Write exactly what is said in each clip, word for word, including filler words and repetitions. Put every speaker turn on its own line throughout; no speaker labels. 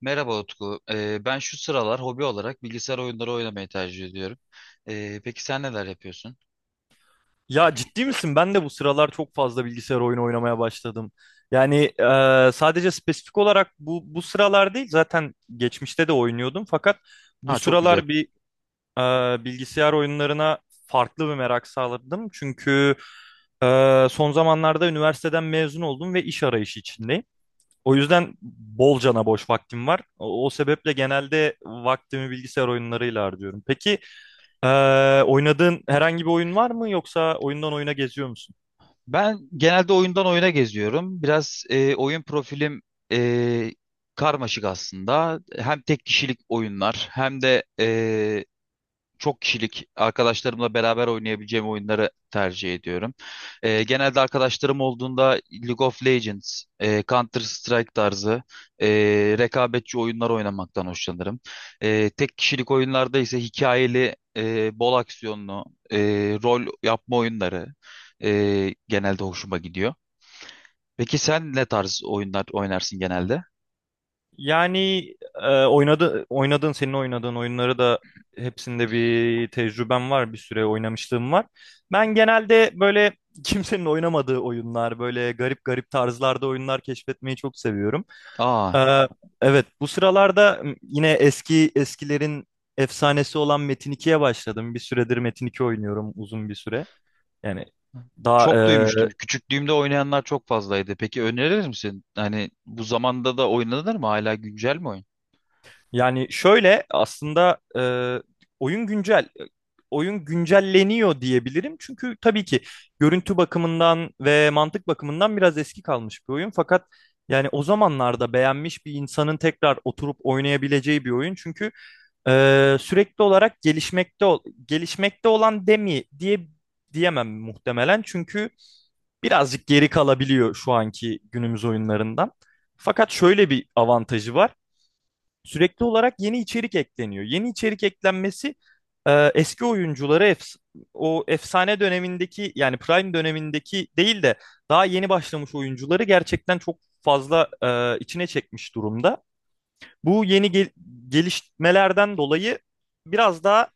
Merhaba Utku. Ee, ben şu sıralar hobi olarak bilgisayar oyunları oynamayı tercih ediyorum. Ee, peki sen neler yapıyorsun?
Ya ciddi misin? Ben de bu sıralar çok fazla bilgisayar oyunu oynamaya başladım. Yani e, sadece spesifik olarak bu bu sıralar değil, zaten geçmişte de oynuyordum. Fakat bu
Ha, çok güzel.
sıralar bir e, bilgisayar oyunlarına farklı bir merak sağladım. Çünkü e, son zamanlarda üniversiteden mezun oldum ve iş arayışı içindeyim. O yüzden bolcana boş vaktim var. O, o sebeple genelde vaktimi bilgisayar oyunlarıyla harcıyorum. Peki. Ee, oynadığın herhangi bir oyun var mı yoksa oyundan oyuna geziyor musun?
Ben genelde oyundan oyuna geziyorum. Biraz e, oyun profilim e, karmaşık aslında. Hem tek kişilik oyunlar hem de e, çok kişilik arkadaşlarımla beraber oynayabileceğim oyunları tercih ediyorum. Ee, genelde arkadaşlarım olduğunda League of Legends, e, Counter Strike tarzı e, rekabetçi oyunlar oynamaktan hoşlanırım. E, tek kişilik oyunlarda ise hikayeli, e, bol aksiyonlu, e, rol yapma oyunları e, genelde hoşuma gidiyor. Peki sen ne tarz oyunlar oynarsın genelde?
Yani e, oynadı, oynadığın senin oynadığın oyunları da hepsinde bir tecrübem var, bir süre oynamışlığım var. Ben genelde böyle kimsenin oynamadığı oyunlar, böyle garip garip tarzlarda oyunlar keşfetmeyi çok seviyorum.
Aa,
Ee, evet, bu sıralarda yine eski eskilerin efsanesi olan Metin ikiye başladım. Bir süredir Metin iki oynuyorum uzun bir süre. Yani daha
çok duymuştum. Küçüklüğümde oynayanlar çok fazlaydı. Peki önerir misin? Hani bu zamanda da oynanır mı? Hala güncel mi oyun?
Yani şöyle aslında e, oyun güncel e, oyun güncelleniyor diyebilirim. Çünkü tabii ki görüntü bakımından ve mantık bakımından biraz eski kalmış bir oyun. Fakat yani o zamanlarda beğenmiş bir insanın tekrar oturup oynayabileceği bir oyun. Çünkü e, sürekli olarak gelişmekte ol- gelişmekte olan demi diye diyemem muhtemelen. Çünkü birazcık geri kalabiliyor şu anki günümüz oyunlarından. Fakat şöyle bir avantajı var. Sürekli olarak yeni içerik ekleniyor. Yeni içerik eklenmesi e, eski oyuncuları efs- o efsane dönemindeki yani Prime dönemindeki değil de daha yeni başlamış oyuncuları gerçekten çok fazla e, içine çekmiş durumda. Bu yeni gel- gelişmelerden dolayı biraz daha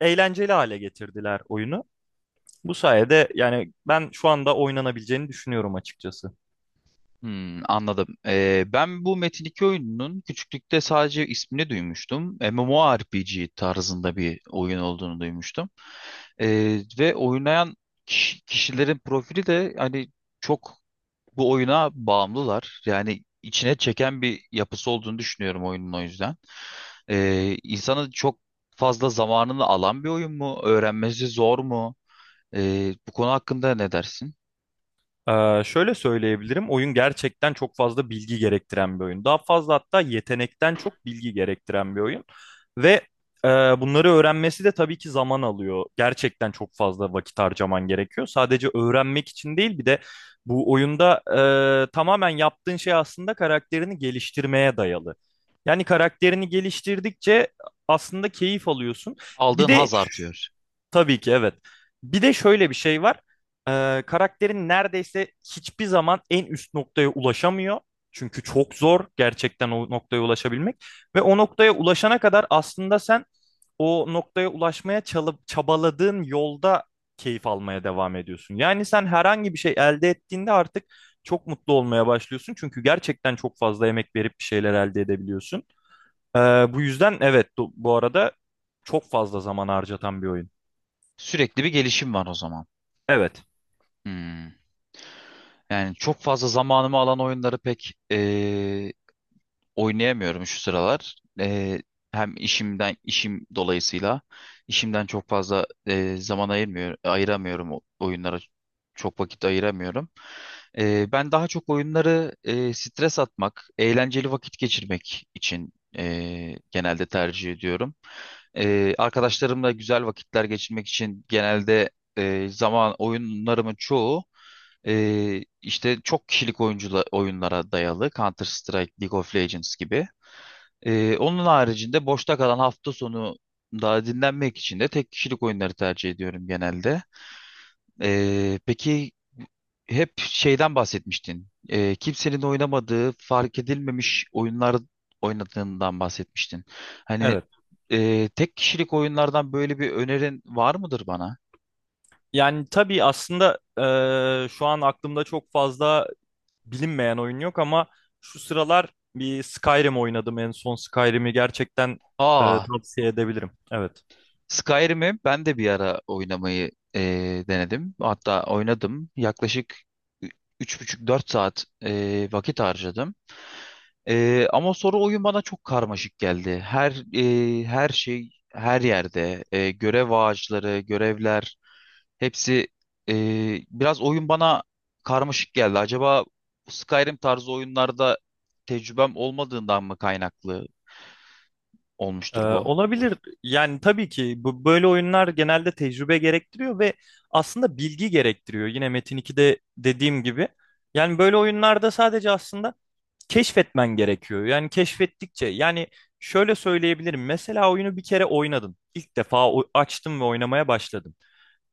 eğlenceli hale getirdiler oyunu. Bu sayede yani ben şu anda oynanabileceğini düşünüyorum açıkçası.
Hmm, anladım. Ee, ben bu Metin iki oyununun küçüklükte sadece ismini duymuştum. MMORPG tarzında bir oyun olduğunu duymuştum. Ee, ve oynayan kiş- kişilerin profili de hani çok bu oyuna bağımlılar. Yani içine çeken bir yapısı olduğunu düşünüyorum oyunun, o yüzden. Ee, insanı çok fazla zamanını alan bir oyun mu? Öğrenmesi zor mu? Ee, bu konu hakkında ne dersin?
Ee, şöyle söyleyebilirim. Oyun gerçekten çok fazla bilgi gerektiren bir oyun. Daha fazla hatta yetenekten çok bilgi gerektiren bir oyun. Ve e, bunları öğrenmesi de tabii ki zaman alıyor. Gerçekten çok fazla vakit harcaman gerekiyor. Sadece öğrenmek için değil bir de bu oyunda e, tamamen yaptığın şey aslında karakterini geliştirmeye dayalı. Yani karakterini geliştirdikçe aslında keyif alıyorsun. Bir
Aldığın
de
haz artıyor.
Tabii ki evet. Bir de şöyle bir şey var. Ee, karakterin neredeyse hiçbir zaman en üst noktaya ulaşamıyor. Çünkü çok zor gerçekten o noktaya ulaşabilmek. Ve o noktaya ulaşana kadar aslında sen o noktaya ulaşmaya çalıp çabaladığın yolda keyif almaya devam ediyorsun. Yani sen herhangi bir şey elde ettiğinde artık çok mutlu olmaya başlıyorsun. Çünkü gerçekten çok fazla emek verip bir şeyler elde edebiliyorsun. Ee, bu yüzden evet do- Bu arada çok fazla zaman harcatan bir oyun.
Sürekli bir gelişim var o zaman.
Evet.
Hmm. Yani çok fazla zamanımı alan oyunları pek ee, oynayamıyorum şu sıralar. Eee, hem işimden işim dolayısıyla işimden çok fazla eee, zaman ayırmıyor, ayıramıyorum, o- oyunlara çok vakit ayıramıyorum. Eee, ben daha çok oyunları eee, stres atmak, eğlenceli vakit geçirmek için eee, genelde tercih ediyorum. Ee, arkadaşlarımla güzel vakitler geçirmek için genelde e, zaman oyunlarımın çoğu e, işte çok kişilik oyuncula, oyunlara dayalı. Counter Strike, League of Legends gibi. Ee, onun haricinde boşta kalan hafta sonu daha dinlenmek için de tek kişilik oyunları tercih ediyorum genelde. Ee, peki, hep şeyden bahsetmiştin. Ee, kimsenin oynamadığı, fark edilmemiş oyunlar oynadığından bahsetmiştin. Hani
Evet.
ee, tek kişilik oyunlardan böyle bir önerin var mıdır bana?
Yani tabii aslında eee, şu an aklımda çok fazla bilinmeyen oyun yok ama şu sıralar bir Skyrim oynadım. En son Skyrim'i gerçekten eee,
Aa,
tavsiye edebilirim. Evet.
Skyrim'i ben de bir ara oynamayı ee, denedim. Hatta oynadım. Yaklaşık üç buçuk dört saat ee, vakit harcadım. Ee, ama sonra oyun bana çok karmaşık geldi. Her e, her şey her yerde, e, görev ağaçları, görevler, hepsi e, biraz, oyun bana karmaşık geldi. Acaba Skyrim tarzı oyunlarda tecrübem olmadığından mı kaynaklı
Eee,
olmuştur bu?
olabilir. Yani tabii ki bu böyle oyunlar genelde tecrübe gerektiriyor ve aslında bilgi gerektiriyor. Yine Metin ikide dediğim gibi. Yani böyle oyunlarda sadece aslında keşfetmen gerekiyor. Yani keşfettikçe yani şöyle söyleyebilirim. Mesela oyunu bir kere oynadın. İlk defa o- açtın ve oynamaya başladın.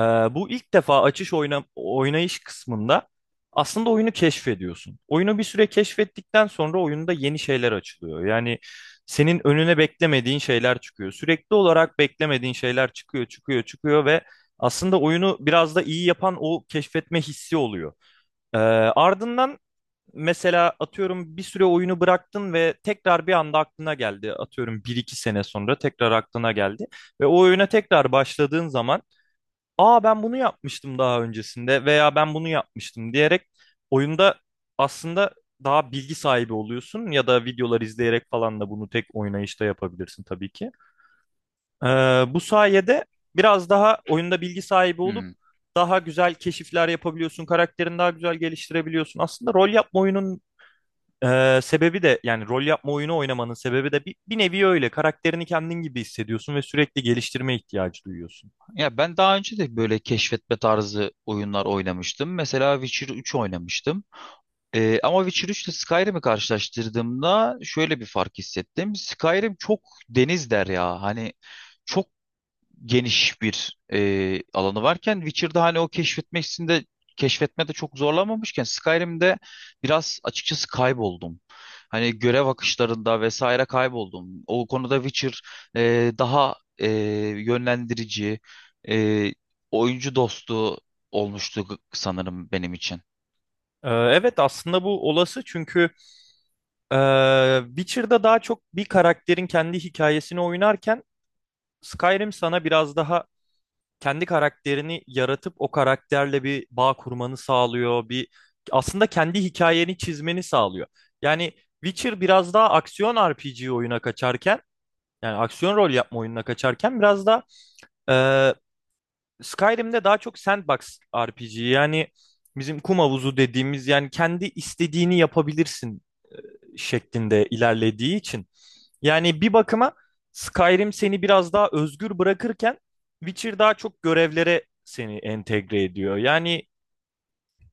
Ee, bu ilk defa açış oyna, oynayış kısmında aslında oyunu keşfediyorsun. Oyunu bir süre keşfettikten sonra oyunda yeni şeyler açılıyor. Yani senin önüne beklemediğin şeyler çıkıyor. Sürekli olarak beklemediğin şeyler çıkıyor, çıkıyor, çıkıyor ve aslında oyunu biraz da iyi yapan o keşfetme hissi oluyor. Ee, ardından Mesela atıyorum bir süre oyunu bıraktın ve tekrar bir anda aklına geldi. Atıyorum bir iki sene sonra tekrar aklına geldi. Ve o oyuna tekrar başladığın zaman aa ben bunu yapmıştım daha öncesinde veya ben bunu yapmıştım diyerek oyunda aslında daha bilgi sahibi oluyorsun ya da videolar izleyerek falan da bunu tek oynayışta yapabilirsin tabii ki. Ee, Bu sayede biraz daha oyunda bilgi sahibi olup
Hmm.
daha güzel keşifler yapabiliyorsun, karakterini daha güzel geliştirebiliyorsun. Aslında rol yapma oyunun ee, sebebi de yani rol yapma oyunu oynamanın sebebi de bir, bir nevi öyle. Karakterini kendin gibi hissediyorsun ve sürekli geliştirme ihtiyacı duyuyorsun.
Ya ben daha önce de böyle keşfetme tarzı oyunlar oynamıştım. Mesela Witcher üç oynamıştım. Ee, ama Witcher üç ile Skyrim'i karşılaştırdığımda şöyle bir fark hissettim. Skyrim çok deniz derya. Hani çok geniş bir e, alanı varken Witcher'da hani o keşfetmesinde keşfetmede çok zorlanmamışken Skyrim'de biraz açıkçası kayboldum. Hani görev akışlarında vesaire kayboldum. O konuda Witcher e, daha e, yönlendirici, e, oyuncu dostu olmuştu sanırım benim için.
Ee, evet, aslında bu olası çünkü e, Witcher'da daha çok bir karakterin kendi hikayesini oynarken Skyrim sana biraz daha kendi karakterini yaratıp o karakterle bir bağ kurmanı sağlıyor. Bir aslında kendi hikayeni çizmeni sağlıyor. Yani Witcher biraz daha aksiyon R P G oyuna kaçarken yani aksiyon rol yapma oyununa kaçarken biraz da e, Skyrim'de daha çok sandbox R P G yani bizim kum havuzu dediğimiz yani kendi istediğini yapabilirsin şeklinde ilerlediği için. Yani bir bakıma Skyrim seni biraz daha özgür bırakırken Witcher daha çok görevlere seni entegre ediyor. Yani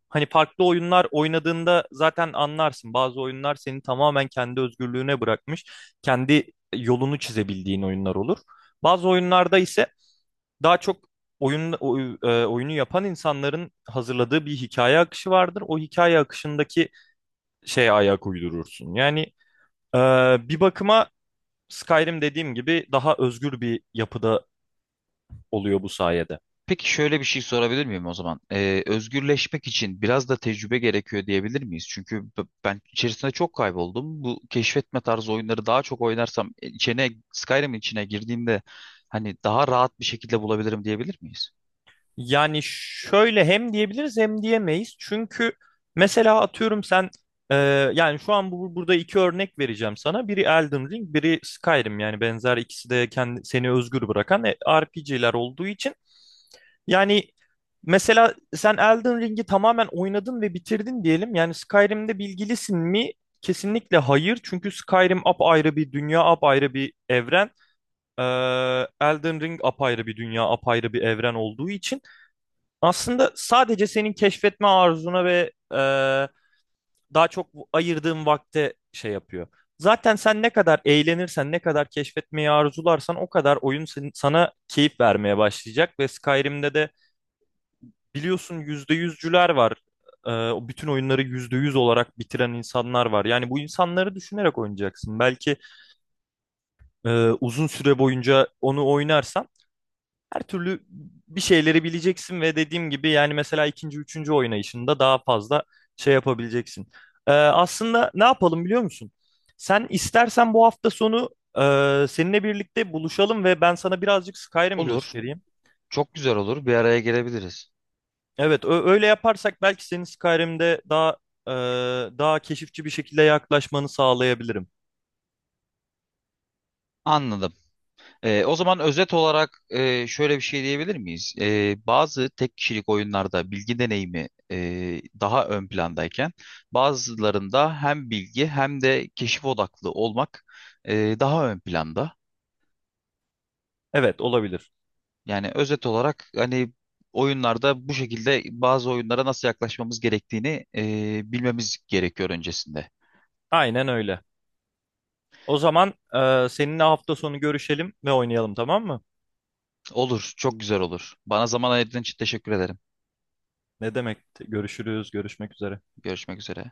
hani farklı oyunlar oynadığında zaten anlarsın. Bazı oyunlar seni tamamen kendi özgürlüğüne bırakmış, kendi yolunu çizebildiğin oyunlar olur. Bazı oyunlarda ise daha çok oyun oy- e, oyunu yapan insanların hazırladığı bir hikaye akışı vardır. O hikaye akışındaki şeye ayak uydurursun. Yani e, bir bakıma Skyrim dediğim gibi daha özgür bir yapıda oluyor bu sayede.
Peki şöyle bir şey sorabilir miyim o zaman? Ee, özgürleşmek için biraz da tecrübe gerekiyor diyebilir miyiz? Çünkü b- ben içerisinde çok kayboldum. Bu keşfetme tarzı oyunları daha çok oynarsam e, içine Skyrim'in içine girdiğimde hani daha rahat bir şekilde bulabilirim diyebilir miyiz?
Yani şöyle hem diyebiliriz hem diyemeyiz. Çünkü mesela atıyorum sen e, yani şu an bu, burada iki örnek vereceğim sana. Biri Elden Ring, biri Skyrim. Yani benzer ikisi de kendi, seni özgür bırakan R P G'ler olduğu için. Yani mesela sen Elden Ring'i tamamen oynadın ve bitirdin diyelim. Yani Skyrim'de bilgilisin mi? Kesinlikle hayır. Çünkü Skyrim apayrı bir dünya, apayrı bir evren. Ee, Elden Ring apayrı bir dünya, apayrı bir evren olduğu için. Aslında sadece senin keşfetme arzuna ve e, daha çok ayırdığın vakte şey yapıyor. Zaten sen ne kadar eğlenirsen, ne kadar keşfetmeyi arzularsan o kadar oyun sen- sana keyif vermeye başlayacak. Ve Skyrim'de de biliyorsun yüzde yüzcüler var. E, o bütün oyunları yüzde yüz olarak bitiren insanlar var. Yani bu insanları düşünerek oynayacaksın. Belki e, uzun süre boyunca onu oynarsan her türlü bir şeyleri bileceksin ve dediğim gibi yani mesela ikinci, üçüncü oynayışında daha fazla şey yapabileceksin. Ee, aslında ne yapalım biliyor musun? Sen istersen bu hafta sonu e, seninle birlikte buluşalım ve ben sana birazcık Skyrim
Olur.
göstereyim.
Çok güzel olur. Bir araya gelebiliriz.
Evet, ö- öyle yaparsak belki senin Skyrim'de daha e, daha keşifçi bir şekilde yaklaşmanı sağlayabilirim.
Anladım. Ee, o zaman özet olarak e, şöyle bir şey diyebilir miyiz? Ee, bazı tek kişilik oyunlarda bilgi deneyimi e, daha ön plandayken, bazılarında hem bilgi hem de keşif odaklı olmak e, daha ön planda.
Evet, olabilir.
Yani özet olarak hani oyunlarda bu şekilde bazı oyunlara nasıl yaklaşmamız gerektiğini e, bilmemiz gerekiyor öncesinde.
Aynen öyle. O zaman e, seninle hafta sonu görüşelim ve oynayalım, tamam mı?
Olur, çok güzel olur. Bana zaman ayırdığın için teşekkür ederim.
Ne demek? Görüşürüz, görüşmek üzere.
Görüşmek üzere.